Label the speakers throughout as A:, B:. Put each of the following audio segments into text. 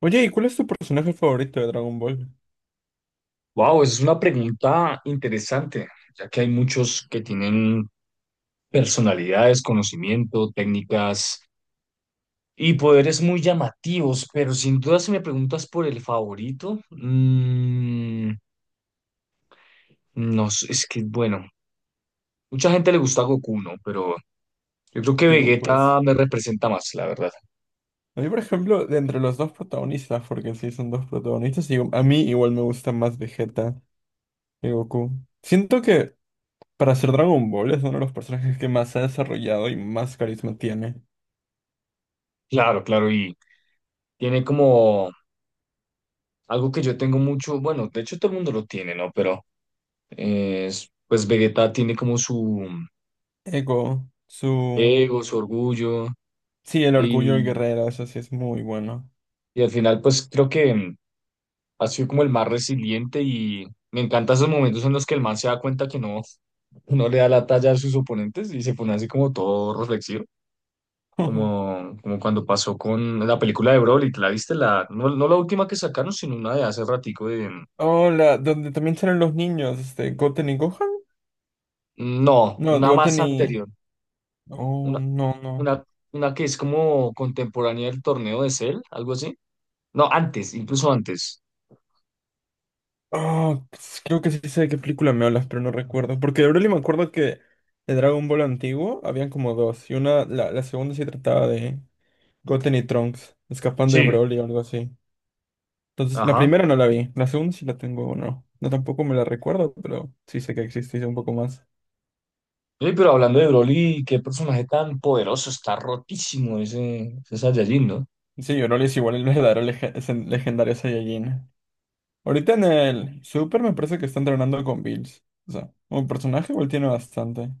A: Oye, ¿y cuál es tu personaje favorito de Dragon Ball?
B: Wow, es una pregunta interesante, ya que hay muchos que tienen personalidades, conocimiento, técnicas y poderes muy llamativos, pero sin duda si me preguntas por el favorito, no sé, es que bueno, mucha gente le gusta Goku, ¿no? Pero yo creo que
A: Digo, pues.
B: Vegeta me representa más, la verdad.
A: A mí, por ejemplo, de entre los dos protagonistas, porque sí son dos protagonistas, digo, a mí igual me gusta más Vegeta que Goku. Siento que para ser Dragon Ball es uno de los personajes que más se ha desarrollado y más carisma tiene.
B: Claro, claro, y tiene como algo que yo tengo mucho, bueno, de hecho todo el mundo lo tiene, ¿no? Pero pues Vegeta tiene como su
A: Ego, su.
B: ego, su orgullo
A: Sí, el orgullo del
B: y,
A: guerrero, eso sí es muy bueno.
B: y al final pues creo que ha sido como el más resiliente y me encantan esos momentos en los que el man se da cuenta que no, no le da la talla a sus oponentes y se pone así como todo reflexivo, como cuando pasó con la película de Broly, ¿te la viste? La, no, no la última que sacaron, sino una de hace ratico de...
A: Hola, ¿donde también salen los niños, Goten y Gohan?
B: No,
A: No,
B: una
A: Goten
B: más
A: y.
B: anterior,
A: Oh,
B: una,
A: no, no.
B: una, una que es como contemporánea del torneo de Cell, algo así. No, antes, incluso antes.
A: Ah, pues, creo que sí sé de qué película me hablas, pero no recuerdo. Porque de Broly me acuerdo que de Dragon Ball antiguo habían como dos. Y una, la segunda sí trataba de Goten y Trunks escapando de
B: Sí.
A: Broly o algo así. Entonces, la
B: Ajá.
A: primera no la vi. La segunda sí la tengo o no. No tampoco me la recuerdo, pero sí sé que existe y sé un poco más.
B: Oye, pero hablando de Broly, qué personaje tan poderoso, está rotísimo ese, ese Saiyajin, ¿no?
A: Sí, Broly es igual el verdadero es el legendario Saiyajin. Ahorita en el Super me parece que está entrenando con Bills. O sea, un personaje igual tiene bastante.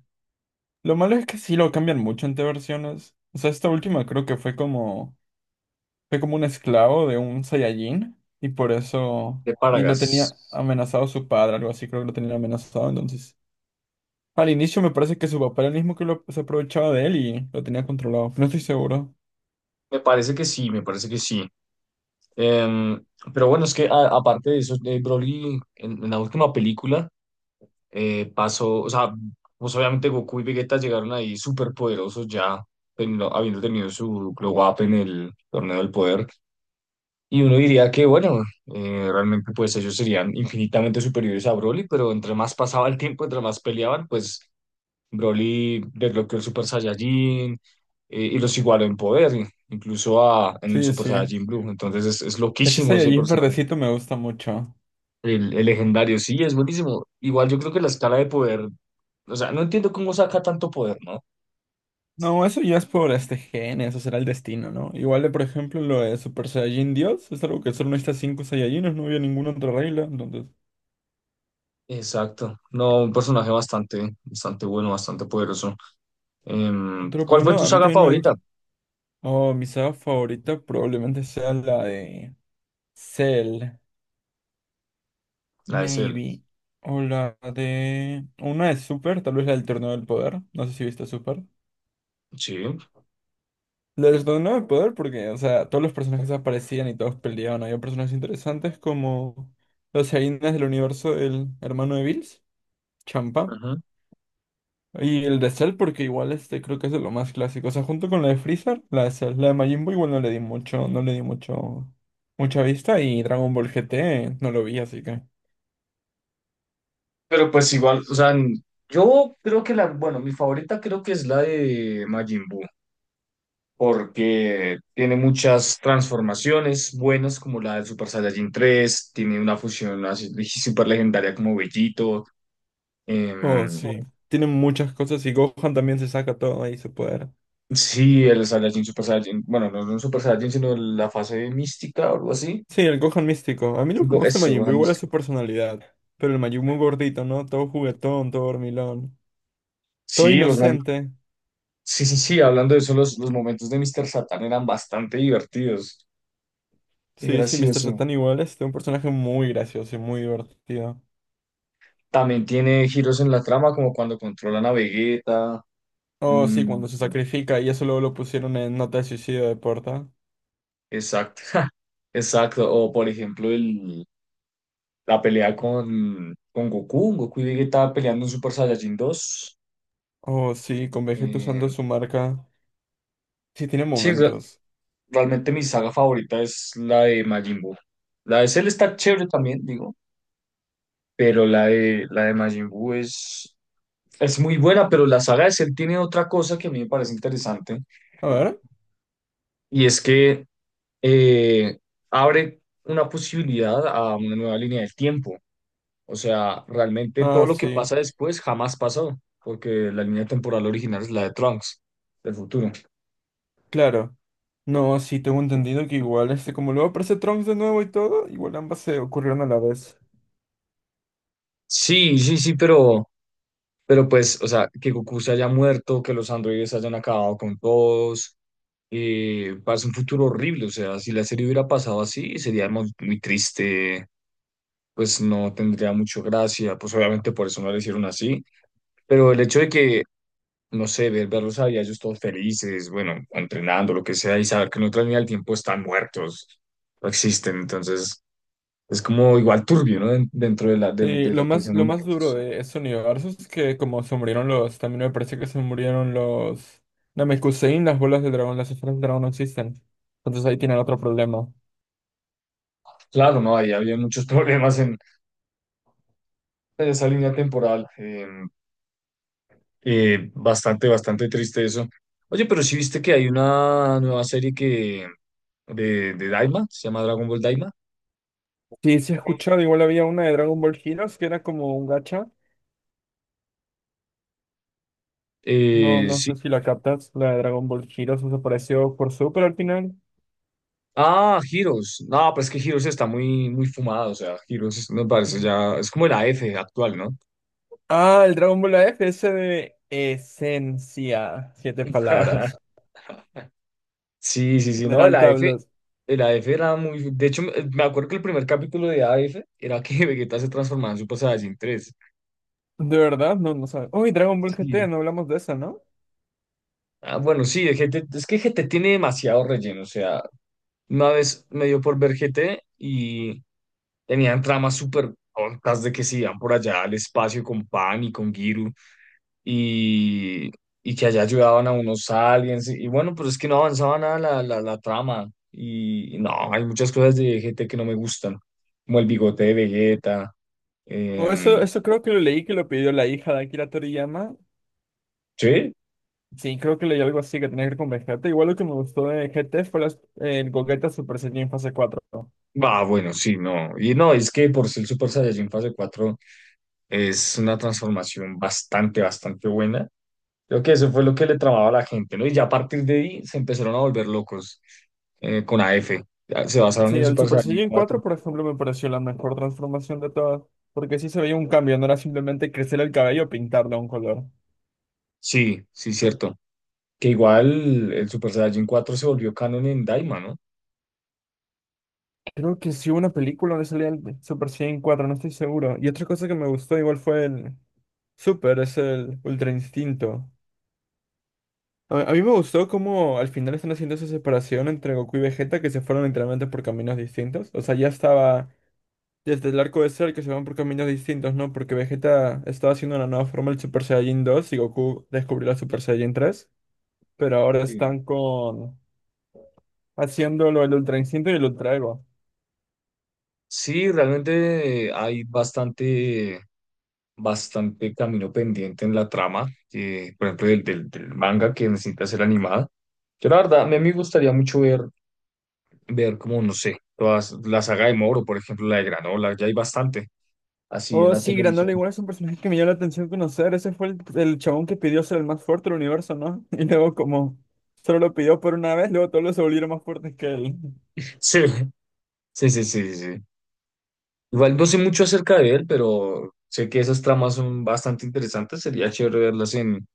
A: Lo malo es que sí lo cambian mucho entre versiones. O sea, esta última creo que fue como un esclavo de un Saiyajin y por eso,
B: De
A: y lo tenía
B: Paragas.
A: amenazado su padre, algo así, creo que lo tenía amenazado. Entonces, al inicio me parece que su papá era el mismo que lo, se aprovechaba de él y lo tenía controlado. No estoy seguro.
B: Me parece que sí, me parece que sí. Em, pero bueno, es que aparte de eso, de Broly en la última película pasó, o sea, pues obviamente Goku y Vegeta llegaron ahí súper poderosos ya, habiendo tenido su glow up en el torneo del poder. Y uno diría que, bueno, realmente pues ellos serían infinitamente superiores a Broly, pero entre más pasaba el tiempo, entre más peleaban, pues Broly desbloqueó el Super Saiyajin y los igualó en poder, incluso a, en el
A: Sí,
B: Super
A: sí.
B: Saiyajin Blue. Entonces es
A: Ese
B: loquísimo ese
A: Saiyajin
B: personaje.
A: verdecito me gusta mucho.
B: El legendario, sí, es buenísimo. Igual yo creo que la escala de poder, o sea, no entiendo cómo saca tanto poder, ¿no?
A: No, eso ya es por este gen, eso será el destino, ¿no? Igual de, por ejemplo, lo de Super Saiyajin Dios, es algo que solo necesitas 5 Saiyajines, no había ninguna otra regla, entonces.
B: Exacto. No, un personaje bastante, bastante bueno, bastante poderoso.
A: Otro,
B: ¿Cuál
A: pero
B: fue
A: no,
B: tu
A: a mí
B: saga
A: también me
B: favorita?
A: gusta. Oh, mi saga favorita probablemente sea la de Cell,
B: La de Cell.
A: maybe. O la de. Una de Super, tal vez la del Torneo del Poder. ¿No sé si viste Super?
B: Sí.
A: La del Torneo del Poder porque, o sea, todos los personajes aparecían y todos peleaban. Había personajes interesantes como los Hyenas del universo del hermano de Bills, Champa.
B: Ajá.
A: Y el de Cell, porque igual este creo que es de lo más clásico. O sea, junto con la de Freezer, la de Cell, la de Majin Buu igual no le di mucha vista. Y Dragon Ball GT no lo vi, así que.
B: Pero pues igual, o sea, yo creo que la, bueno, mi favorita creo que es la de Majin Buu. Porque tiene muchas transformaciones buenas, como la de Super Saiyajin 3 tiene una fusión así super legendaria como Bellito.
A: Oh,
B: em,
A: sí. Tienen muchas cosas y Gohan también se saca todo ahí su poder.
B: sí, el Saiyajin Super Saiyajin, bueno, no, no Super Saiyajin, sino la fase mística o algo así.
A: Sí, el Gohan místico. A mí lo que me gusta de
B: Eso,
A: Majin
B: ajá,
A: Buu igual es su
B: místico.
A: personalidad. Pero el Majin Buu gordito, ¿no? Todo juguetón, todo dormilón. Todo
B: Sí,
A: inocente.
B: sí, sí, sí, hablando de eso, los momentos de Mr. Satan eran bastante divertidos. Qué
A: Sí, sí, Mr.
B: gracioso.
A: Satan igual es un personaje muy gracioso y muy divertido.
B: También tiene giros en la trama, como cuando controlan a Vegeta.
A: Oh, sí,
B: mm,
A: cuando se sacrifica y eso luego lo pusieron en Nota de Suicidio de Porta.
B: exacto. Exacto, o por ejemplo la pelea con Goku, Goku y Vegeta peleando en Super Saiyajin 2.
A: Oh, sí, con Vegeta usando
B: Eh,
A: su marca. Sí, tiene
B: sí,
A: momentos.
B: realmente mi saga favorita es la de Majin Buu. La de Cell está chévere también, digo, pero la de Majin Buu es muy buena, pero la saga de Cell tiene otra cosa que a mí me parece interesante,
A: A ver.
B: y es que eh, abre una posibilidad a una nueva línea del tiempo. O sea, realmente
A: Ah,
B: todo lo que
A: sí,
B: pasa después jamás pasó, porque la línea temporal original es la de Trunks, del futuro.
A: claro. No, sí, tengo entendido que igual, como luego aparece Trunks de nuevo y todo, igual ambas se ocurrieron a la vez.
B: Sí, sí, sí, pero pues, o sea, que Goku se haya muerto, que los androides hayan acabado con todos, parece un futuro horrible. O sea, si la serie hubiera pasado así, sería muy, muy triste, pues no tendría mucho gracia, pues obviamente por eso no la hicieron así. Pero el hecho de que no sé, ver, verlos a ellos todos felices, bueno, entrenando, lo que sea, y saber que en otra línea del tiempo están muertos, no existen, entonces es como igual turbio, ¿no? Dentro de, la,
A: Sí,
B: de
A: lo
B: lo que
A: más,
B: son
A: lo
B: los
A: más duro
B: muertos.
A: de ese universo es que como se murieron los, también me parece que se murieron los Namekusein, las bolas de dragón, las esferas de dragón no existen. Entonces ahí tienen otro problema.
B: Claro, no, ahí había muchos problemas en esa línea temporal, bastante, bastante triste eso. Oye, pero sí viste que hay una nueva serie que de Daima, se llama Dragon Ball Daima.
A: Sí, sí he escuchado, igual había una de Dragon Ball Heroes que era como un gacha. No, no sé
B: Sí,
A: si la captas, la de Dragon Ball Heroes desapareció por Super al final.
B: Ah, Heroes. No, pero es que Heroes está muy, muy fumado. O sea, Heroes me parece
A: Ujú.
B: ya. Es como el A F actual, ¿no?
A: Ah, el Dragon Ball AF, ese de esencia, siete palabras.
B: Sí, sí, sí, no, el
A: General
B: A F,
A: Tablos.
B: El A F era muy. De hecho, me acuerdo que el primer capítulo de A F era que Vegeta se transformaba en Super Saiyajin 3.
A: De verdad, no, no sabes. Uy, Dragon Ball GT,
B: Sí.
A: no hablamos de eso, ¿no?
B: Ah, bueno, sí, el G T. Es que G T tiene demasiado relleno. O sea, una vez me dio por ver G T y tenían tramas súper tontas de que se iban por allá al espacio con Pan y con Giru. y, y que allá ayudaban a unos aliens. Y bueno, pero es que no avanzaba nada la, la, la trama. Y no, hay muchas cosas de GT que no me gustan, como el bigote de Vegeta.
A: O eso,
B: em,
A: eso creo que lo leí que lo pidió la hija de Akira Toriyama.
B: ¿Sí?
A: Sí, creo que leí algo así que tenía que ver con Vegeta. Igual lo que me gustó de GT fue el Gogeta Super Saiyan fase cuatro.
B: Ah, bueno, sí, no. Y no, es que por ser Super Saiyajin fase 4 es una transformación bastante, bastante buena. Creo que eso fue lo que le tramaba a la gente, ¿no? Y ya a partir de ahí se empezaron a volver locos con AF. Ya se basaron
A: Sí,
B: en
A: el
B: Super
A: Super
B: Saiyajin
A: Saiyan 4,
B: cuatro.
A: por ejemplo, me pareció la mejor transformación de todas, porque sí se veía un cambio, no era simplemente crecer el cabello o pintarlo a un color.
B: Sí, sí, cierto. Que igual el Super Saiyajin 4 se volvió canon en Daima, ¿no?
A: Creo que sí hubo una película donde salía el Super Saiyan 4, no estoy seguro. Y otra cosa que me gustó igual fue es el Ultra Instinto. A mí me gustó cómo al final están haciendo esa separación entre Goku y Vegeta, que se fueron literalmente por caminos distintos. O sea, ya estaba desde el arco de Cell que se van por caminos distintos, ¿no? Porque Vegeta estaba haciendo una nueva forma del Super Saiyan 2 y Goku descubrió la Super Saiyan 3. Pero ahora
B: Eh,
A: están con haciéndolo el Ultra Instinto y el Ultra Ego.
B: sí, realmente hay bastante, bastante camino pendiente en la trama, por ejemplo, del, del, del manga que necesita ser animada. Yo la verdad, a mí me gustaría mucho ver, ver como, no sé, todas, la saga de Moro, por ejemplo, la de Granola, ya hay bastante así en
A: Oh,
B: la
A: sí, Granola
B: televisión.
A: igual es un personaje que me llamó la atención conocer. Ese fue el chabón que pidió ser el más fuerte del universo, ¿no? Y luego como solo lo pidió por una vez, luego todos los se volvieron más fuertes que él.
B: Sí, sí, sí, sí, sí. Igual no sé mucho acerca de él, pero sé que esas tramas son bastante interesantes, sería chévere verlas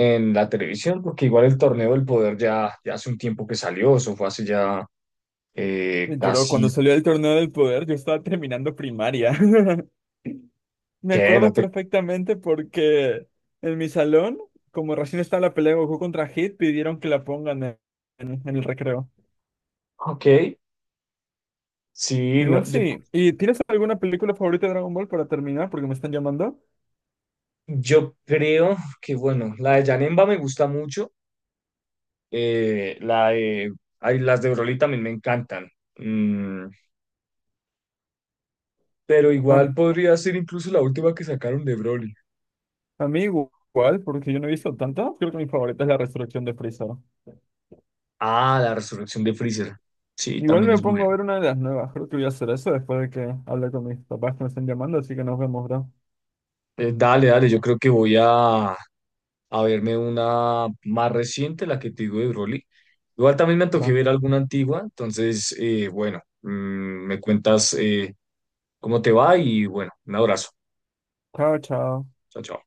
B: en la televisión, porque igual el torneo del poder ya, ya hace un tiempo que salió, eso fue hace ya
A: Lloró
B: casi
A: cuando salió del torneo del poder, yo estaba terminando primaria. Me
B: que
A: acuerdo
B: no te.
A: perfectamente porque en mi salón, como recién estaba la pelea de Goku contra Hit, pidieron que la pongan en el recreo.
B: Ok, sí,
A: Igual
B: no, yo,
A: sí. ¿Y tienes alguna película favorita de Dragon Ball para terminar? Porque me están llamando.
B: yo creo que bueno, la de Janemba me gusta mucho, la de, ay, las de Broly también me encantan, mm, pero igual
A: Am-
B: podría ser incluso la última que sacaron de Broly.
A: A, mí igual, porque yo no he visto tanto. Creo que mi favorita es la resurrección de Freezer.
B: Ah, la resurrección de Freezer, sí,
A: Igual
B: también
A: me
B: es
A: pongo a
B: buena.
A: ver una de las nuevas. Creo que voy a hacer eso después de que hable con mis papás que me están llamando. Así que nos vemos, bro.
B: Dale, dale, yo creo que voy a verme una más reciente, la que te digo de Broly. Igual también me antojé
A: Va.
B: ver alguna antigua, entonces, bueno, me cuentas cómo te va y bueno, un abrazo.
A: Chao, chao.
B: Chao, chao.